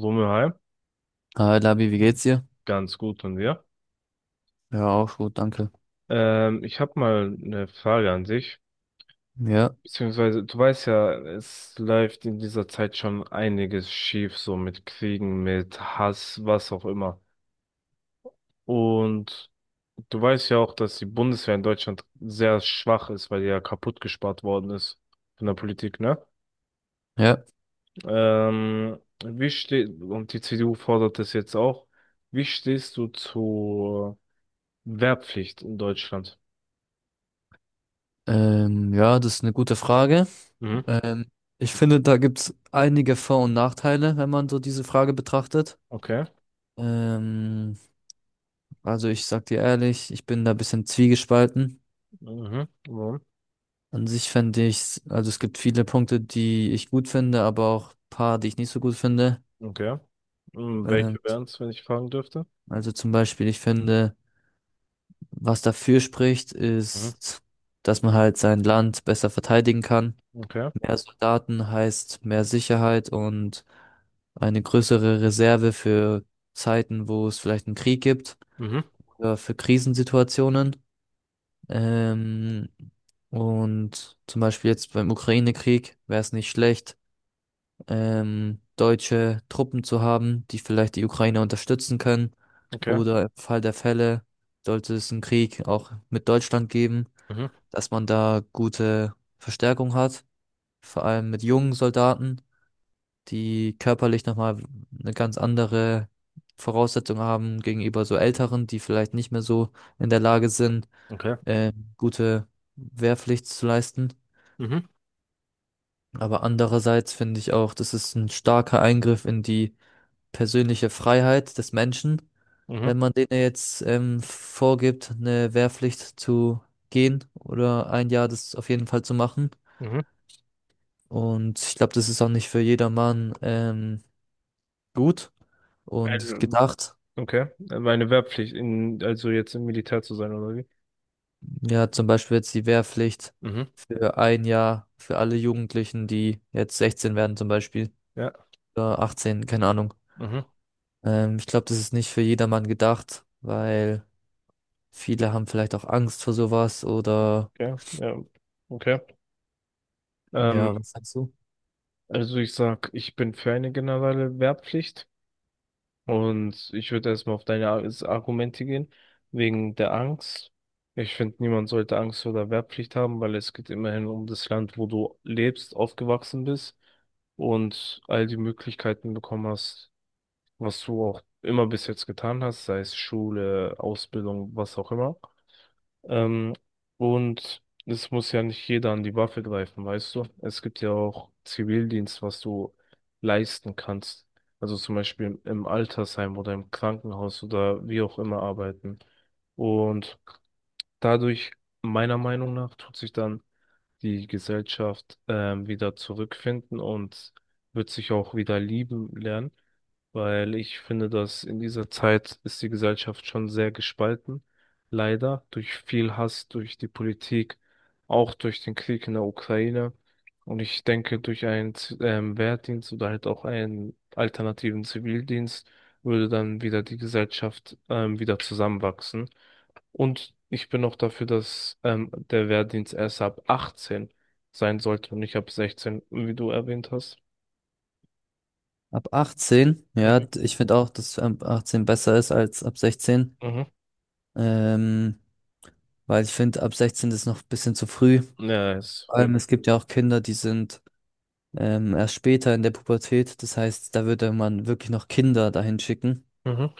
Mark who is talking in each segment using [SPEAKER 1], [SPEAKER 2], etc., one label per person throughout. [SPEAKER 1] Wumme,
[SPEAKER 2] Hi Labi, wie geht's dir?
[SPEAKER 1] ganz gut und wir.
[SPEAKER 2] Ja, auch gut, danke.
[SPEAKER 1] Ich habe mal eine Frage an dich.
[SPEAKER 2] Ja,
[SPEAKER 1] Beziehungsweise, du weißt ja, es läuft in dieser Zeit schon einiges schief, so mit Kriegen, mit Hass, was auch immer. Und du weißt ja auch, dass die Bundeswehr in Deutschland sehr schwach ist, weil die ja kaputt gespart worden ist von der Politik, ne?
[SPEAKER 2] ja.
[SPEAKER 1] Und die CDU fordert das jetzt auch. Wie stehst du zur Wehrpflicht in Deutschland?
[SPEAKER 2] Ja, das ist eine gute Frage.
[SPEAKER 1] Mhm.
[SPEAKER 2] Ähm, Ich finde, da gibt's einige Vor- und Nachteile, wenn man so diese Frage betrachtet.
[SPEAKER 1] Okay.
[SPEAKER 2] Ähm, also ich sag dir ehrlich, ich bin da ein bisschen zwiegespalten.
[SPEAKER 1] Mhm. Mhm.
[SPEAKER 2] An sich fände ich, also es gibt viele Punkte, die ich gut finde, aber auch paar, die ich nicht so gut finde.
[SPEAKER 1] Okay. Mhm.
[SPEAKER 2] Ähm,
[SPEAKER 1] Welche wären es, wenn ich fragen dürfte?
[SPEAKER 2] also zum Beispiel, ich finde, was dafür spricht,
[SPEAKER 1] Mhm.
[SPEAKER 2] ist, dass man halt sein Land besser verteidigen kann.
[SPEAKER 1] Okay.
[SPEAKER 2] Mehr Soldaten heißt mehr Sicherheit und eine größere Reserve für Zeiten, wo es vielleicht einen Krieg gibt
[SPEAKER 1] Mhm.
[SPEAKER 2] oder für Krisensituationen. Ähm, und zum Beispiel jetzt beim Ukraine-Krieg wäre es nicht schlecht, deutsche Truppen zu haben, die vielleicht die Ukraine unterstützen können.
[SPEAKER 1] Okay.
[SPEAKER 2] Oder im Fall der Fälle, sollte es einen Krieg auch mit Deutschland geben,
[SPEAKER 1] Mhm.
[SPEAKER 2] dass man da gute Verstärkung hat, vor allem mit jungen Soldaten, die körperlich nochmal eine ganz andere Voraussetzung haben gegenüber so Älteren, die vielleicht nicht mehr so in der Lage sind,
[SPEAKER 1] Okay.
[SPEAKER 2] äh, gute Wehrpflicht zu leisten.
[SPEAKER 1] Mhm.
[SPEAKER 2] Aber andererseits finde ich auch, das ist ein starker Eingriff in die persönliche Freiheit des Menschen,
[SPEAKER 1] Mhm.
[SPEAKER 2] wenn man denen jetzt vorgibt, eine Wehrpflicht zu gehen oder ein Jahr das auf jeden Fall zu machen.
[SPEAKER 1] Mhm.
[SPEAKER 2] Und ich glaube, das ist auch nicht für jedermann gut und
[SPEAKER 1] Ein,
[SPEAKER 2] gedacht.
[SPEAKER 1] okay. Meine Wehrpflicht, also jetzt im Militär zu sein, oder wie?
[SPEAKER 2] Ja, zum Beispiel jetzt die Wehrpflicht
[SPEAKER 1] Mhm.
[SPEAKER 2] für ein Jahr für alle Jugendlichen, die jetzt 16 werden zum Beispiel,
[SPEAKER 1] Ja.
[SPEAKER 2] oder 18, keine Ahnung.
[SPEAKER 1] Mhm.
[SPEAKER 2] Ich glaube, das ist nicht für jedermann gedacht, weil viele haben vielleicht auch Angst vor sowas oder
[SPEAKER 1] Okay. Ja. Okay. Ähm,
[SPEAKER 2] ja, was sagst du?
[SPEAKER 1] also ich sag, ich bin für eine generelle Wehrpflicht. Und ich würde erstmal auf deine Argumente gehen, wegen der Angst. Ich finde, niemand sollte Angst vor der Wehrpflicht haben, weil es geht immerhin um das Land, wo du lebst, aufgewachsen bist und all die Möglichkeiten bekommen hast, was du auch immer bis jetzt getan hast, sei es Schule, Ausbildung, was auch immer. Ähm, und es muss ja nicht jeder an die Waffe greifen, weißt du? Es gibt ja auch Zivildienst, was du leisten kannst. Also zum Beispiel im Altersheim oder im Krankenhaus oder wie auch immer arbeiten. Und dadurch, meiner Meinung nach, tut sich dann die Gesellschaft wieder zurückfinden und wird sich auch wieder lieben lernen, weil ich finde, dass in dieser Zeit ist die Gesellschaft schon sehr gespalten, leider durch viel Hass, durch die Politik, auch durch den Krieg in der Ukraine. Und ich denke, durch einen Wehrdienst oder halt auch einen alternativen Zivildienst würde dann wieder die Gesellschaft wieder zusammenwachsen. Und ich bin auch dafür, dass der Wehrdienst erst ab 18 sein sollte und nicht ab 16, wie du erwähnt hast.
[SPEAKER 2] Ab 18, ja,
[SPEAKER 1] Mhm.
[SPEAKER 2] ich finde auch, dass ab 18 besser ist als ab 16,
[SPEAKER 1] Mhm.
[SPEAKER 2] ähm, weil ich finde, ab 16 ist noch ein bisschen zu früh.
[SPEAKER 1] Ja, es
[SPEAKER 2] Vor
[SPEAKER 1] wird.
[SPEAKER 2] allem, es gibt ja auch Kinder, die sind erst später in der Pubertät. Das heißt, da würde man wirklich noch Kinder dahin schicken.
[SPEAKER 1] Mhm.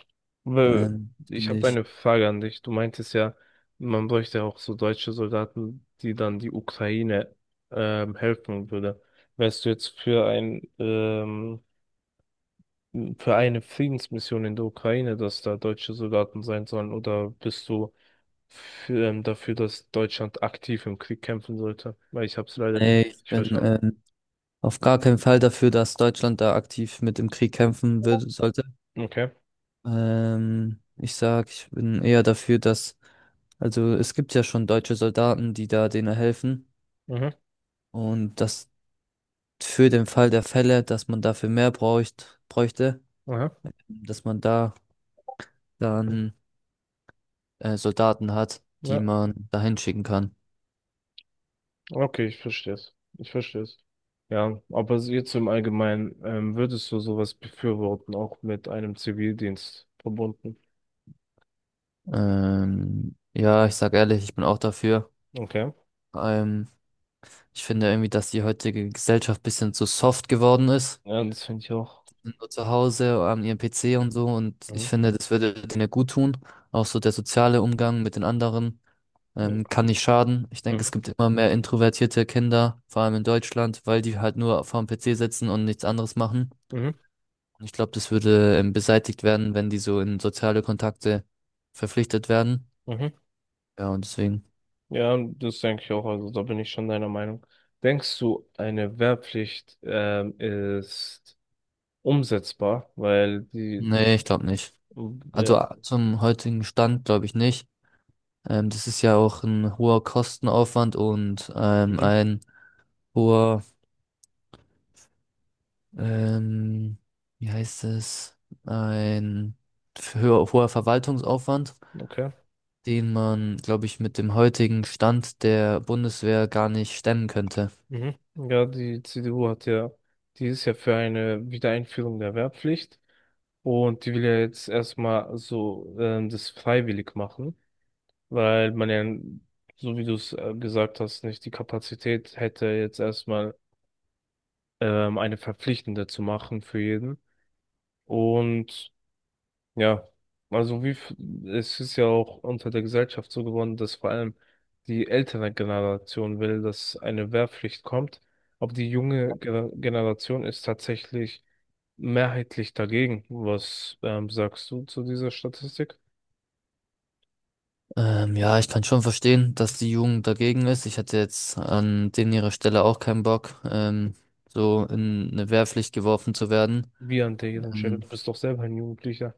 [SPEAKER 1] Weil Ich
[SPEAKER 2] Finde
[SPEAKER 1] habe
[SPEAKER 2] ich.
[SPEAKER 1] eine Frage an dich. Du meintest ja, man bräuchte ja auch so deutsche Soldaten, die dann die Ukraine helfen würde. Wärst du jetzt für eine Friedensmission in der Ukraine, dass da deutsche Soldaten sein sollen, oder bist du dafür, dass Deutschland aktiv im Krieg kämpfen sollte. Weil ich habe es leider nicht
[SPEAKER 2] Nee, ich
[SPEAKER 1] richtig
[SPEAKER 2] bin
[SPEAKER 1] verstanden.
[SPEAKER 2] auf gar keinen Fall dafür, dass Deutschland da aktiv mit im Krieg kämpfen würde, sollte.
[SPEAKER 1] Okay.
[SPEAKER 2] Ich sag, ich bin eher dafür, dass, also es gibt ja schon deutsche Soldaten, die da denen helfen.
[SPEAKER 1] Mhm.
[SPEAKER 2] Und das für den Fall der Fälle, dass man dafür mehr bräuchte,
[SPEAKER 1] Aha.
[SPEAKER 2] dass man da dann Soldaten hat, die
[SPEAKER 1] Ja.
[SPEAKER 2] man dahin schicken kann.
[SPEAKER 1] Okay, ich verstehe es. Ich verstehe es. Ja, aber so jetzt im Allgemeinen, würdest du sowas befürworten, auch mit einem Zivildienst verbunden?
[SPEAKER 2] Ja, ich sag ehrlich, ich bin auch dafür.
[SPEAKER 1] Okay.
[SPEAKER 2] Ähm, Ich finde irgendwie, dass die heutige Gesellschaft ein bisschen zu soft geworden ist.
[SPEAKER 1] Ja, das finde ich auch.
[SPEAKER 2] Sind nur zu Hause an ihrem PC und so. Und ich
[SPEAKER 1] Mhm.
[SPEAKER 2] finde, das würde denen gut tun. Auch so der soziale Umgang mit den anderen kann nicht schaden. Ich denke, es
[SPEAKER 1] Mhm.
[SPEAKER 2] gibt immer mehr introvertierte Kinder, vor allem in Deutschland, weil die halt nur vor dem PC sitzen und nichts anderes machen.
[SPEAKER 1] Mhm.
[SPEAKER 2] Und ich glaube, das würde beseitigt werden, wenn die so in soziale Kontakte verpflichtet werden.
[SPEAKER 1] Mhm.
[SPEAKER 2] Ja, und deswegen.
[SPEAKER 1] Ja, das denke ich auch. Also da bin ich schon deiner Meinung. Denkst du, eine Wehrpflicht ist umsetzbar? Weil die
[SPEAKER 2] Nee, ich glaube nicht.
[SPEAKER 1] Ja.
[SPEAKER 2] Also zum heutigen Stand glaube ich nicht. Das ist ja auch ein hoher Kostenaufwand und
[SPEAKER 1] Mhm.
[SPEAKER 2] ein hoher, ähm, wie heißt es, ein höher, hoher Verwaltungsaufwand,
[SPEAKER 1] Okay.
[SPEAKER 2] den man, glaube ich, mit dem heutigen Stand der Bundeswehr gar nicht stemmen könnte.
[SPEAKER 1] Mhm. Ja, die CDU hat ja, die ist ja für eine Wiedereinführung der Wehrpflicht und die will ja jetzt erstmal so das freiwillig machen, weil man ja, so wie du es gesagt hast, nicht die Kapazität hätte, jetzt erstmal eine verpflichtende zu machen für jeden. Und Ja, also es ist ja auch unter der Gesellschaft so geworden, dass vor allem die ältere Generation will, dass eine Wehrpflicht kommt, aber die junge Generation ist tatsächlich mehrheitlich dagegen. Was sagst du zu dieser Statistik?
[SPEAKER 2] Ja, ich kann schon verstehen, dass die Jugend dagegen ist. Ich hätte jetzt an denen ihrer Stelle auch keinen Bock, so in eine Wehrpflicht geworfen zu werden.
[SPEAKER 1] Wie an deren Stelle?
[SPEAKER 2] Ähm,
[SPEAKER 1] Du bist doch selber ein Jugendlicher.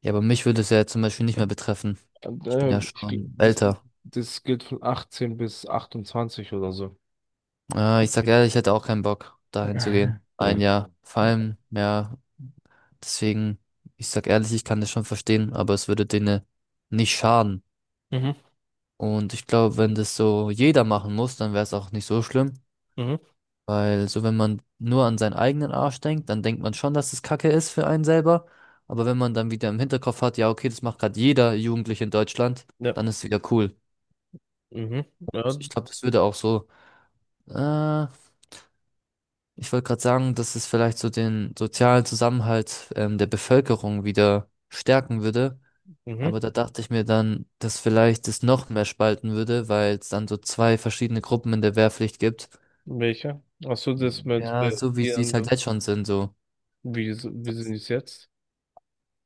[SPEAKER 2] Ja, aber mich würde es ja zum Beispiel nicht mehr betreffen.
[SPEAKER 1] Und,
[SPEAKER 2] Ich bin
[SPEAKER 1] äh,
[SPEAKER 2] ja
[SPEAKER 1] ich, gl-
[SPEAKER 2] schon
[SPEAKER 1] das,
[SPEAKER 2] älter.
[SPEAKER 1] Das gilt von 18 bis 28 oder so.
[SPEAKER 2] Ich sag ehrlich, ich hätte auch keinen Bock, dahin zu gehen. Ein
[SPEAKER 1] Mhm.
[SPEAKER 2] Jahr. Vor allem, ja, deswegen, ich sag ehrlich, ich kann das schon verstehen, aber es würde denen nicht schaden.
[SPEAKER 1] Mhm.
[SPEAKER 2] Und ich glaube, wenn das so jeder machen muss, dann wäre es auch nicht so schlimm.
[SPEAKER 1] Mhm.
[SPEAKER 2] Weil so, wenn man nur an seinen eigenen Arsch denkt, dann denkt man schon, dass es Kacke ist für einen selber. Aber wenn man dann wieder im Hinterkopf hat, ja, okay, das macht gerade jeder Jugendliche in Deutschland,
[SPEAKER 1] Ja.
[SPEAKER 2] dann ist es wieder cool.
[SPEAKER 1] Mhm. Ja.
[SPEAKER 2] Ich glaube, das würde auch so. Äh, ich wollte gerade sagen, dass es vielleicht so den sozialen Zusammenhalt der Bevölkerung wieder stärken würde. Aber
[SPEAKER 1] Mhm.
[SPEAKER 2] da dachte ich mir dann, dass vielleicht es noch mehr spalten würde, weil es dann so zwei verschiedene Gruppen in der Wehrpflicht gibt.
[SPEAKER 1] Welcher? Ach so, das mit
[SPEAKER 2] Ja, so wie
[SPEAKER 1] die
[SPEAKER 2] sie es halt jetzt
[SPEAKER 1] anderen.
[SPEAKER 2] schon sind, so.
[SPEAKER 1] Wie sind
[SPEAKER 2] Das,
[SPEAKER 1] es jetzt?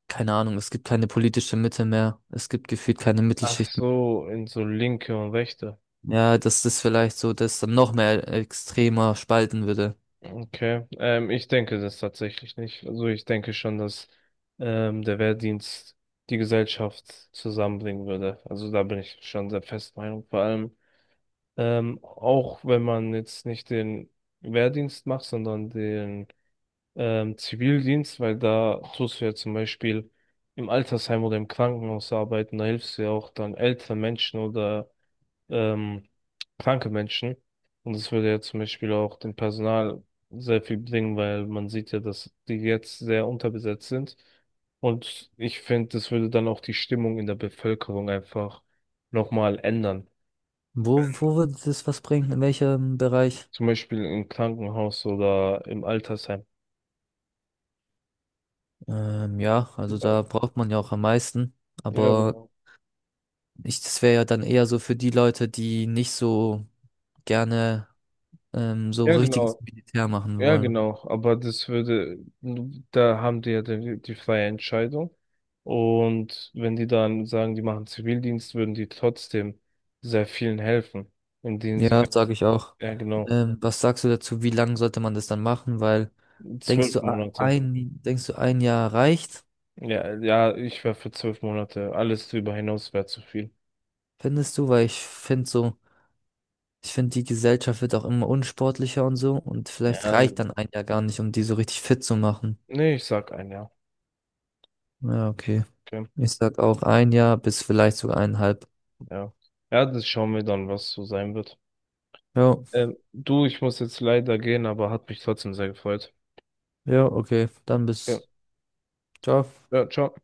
[SPEAKER 2] keine Ahnung, es gibt keine politische Mitte mehr. Es gibt gefühlt keine
[SPEAKER 1] Ach
[SPEAKER 2] Mittelschicht mehr.
[SPEAKER 1] so, in so linke und rechte.
[SPEAKER 2] Ja, dass das vielleicht so, dass dann noch mehr extremer spalten würde.
[SPEAKER 1] Okay. Ich denke das tatsächlich nicht. Also ich denke schon, dass der Wehrdienst die Gesellschaft zusammenbringen würde. Also da bin ich schon sehr fest Meinung. Vor allem auch wenn man jetzt nicht den Wehrdienst macht, sondern den Zivildienst, weil da tust du ja zum Beispiel im Altersheim oder im Krankenhaus arbeiten, da hilfst du ja auch dann älteren Menschen oder ähm, kranke Menschen. Und das würde ja zum Beispiel auch dem Personal sehr viel bringen, weil man sieht ja, dass die jetzt sehr unterbesetzt sind. Und ich finde, das würde dann auch die Stimmung in der Bevölkerung einfach nochmal ändern.
[SPEAKER 2] Wo, wo würde das was bringen? In welchem Bereich?
[SPEAKER 1] Zum Beispiel im Krankenhaus oder im Altersheim.
[SPEAKER 2] Ja, also da braucht man ja auch am meisten.
[SPEAKER 1] Ja,
[SPEAKER 2] Aber
[SPEAKER 1] genau.
[SPEAKER 2] ich, das wäre ja dann eher so für die Leute, die nicht so gerne so
[SPEAKER 1] Ja,
[SPEAKER 2] richtiges
[SPEAKER 1] genau.
[SPEAKER 2] Militär machen
[SPEAKER 1] Ja,
[SPEAKER 2] wollen.
[SPEAKER 1] genau, aber da haben die ja die freie Entscheidung. Und wenn die dann sagen, die machen Zivildienst, würden die trotzdem sehr vielen helfen, indem sie,
[SPEAKER 2] Ja, sage ich auch.
[SPEAKER 1] ja, genau,
[SPEAKER 2] Was sagst du dazu, wie lang sollte man das dann machen? Weil denkst
[SPEAKER 1] zwölf
[SPEAKER 2] du
[SPEAKER 1] Monate.
[SPEAKER 2] denkst du ein Jahr reicht,
[SPEAKER 1] Ja, ja, ich wäre für 12 Monate. Alles drüber hinaus wäre zu viel.
[SPEAKER 2] findest du? Weil ich finde so, ich finde die Gesellschaft wird auch immer unsportlicher und so und vielleicht
[SPEAKER 1] Ja,
[SPEAKER 2] reicht dann ein Jahr gar nicht, um die so richtig fit zu machen.
[SPEAKER 1] nee, ich sag ein Jahr.
[SPEAKER 2] Ja, okay.
[SPEAKER 1] Okay,
[SPEAKER 2] Ich sag auch ein Jahr bis vielleicht sogar eineinhalb.
[SPEAKER 1] ja. Ja, das schauen wir dann, was so sein wird.
[SPEAKER 2] Ja,
[SPEAKER 1] Du, ich muss jetzt leider gehen, aber hat mich trotzdem sehr gefreut.
[SPEAKER 2] ja, okay. Dann
[SPEAKER 1] Ja,
[SPEAKER 2] bis. Ciao.
[SPEAKER 1] ja, ciao.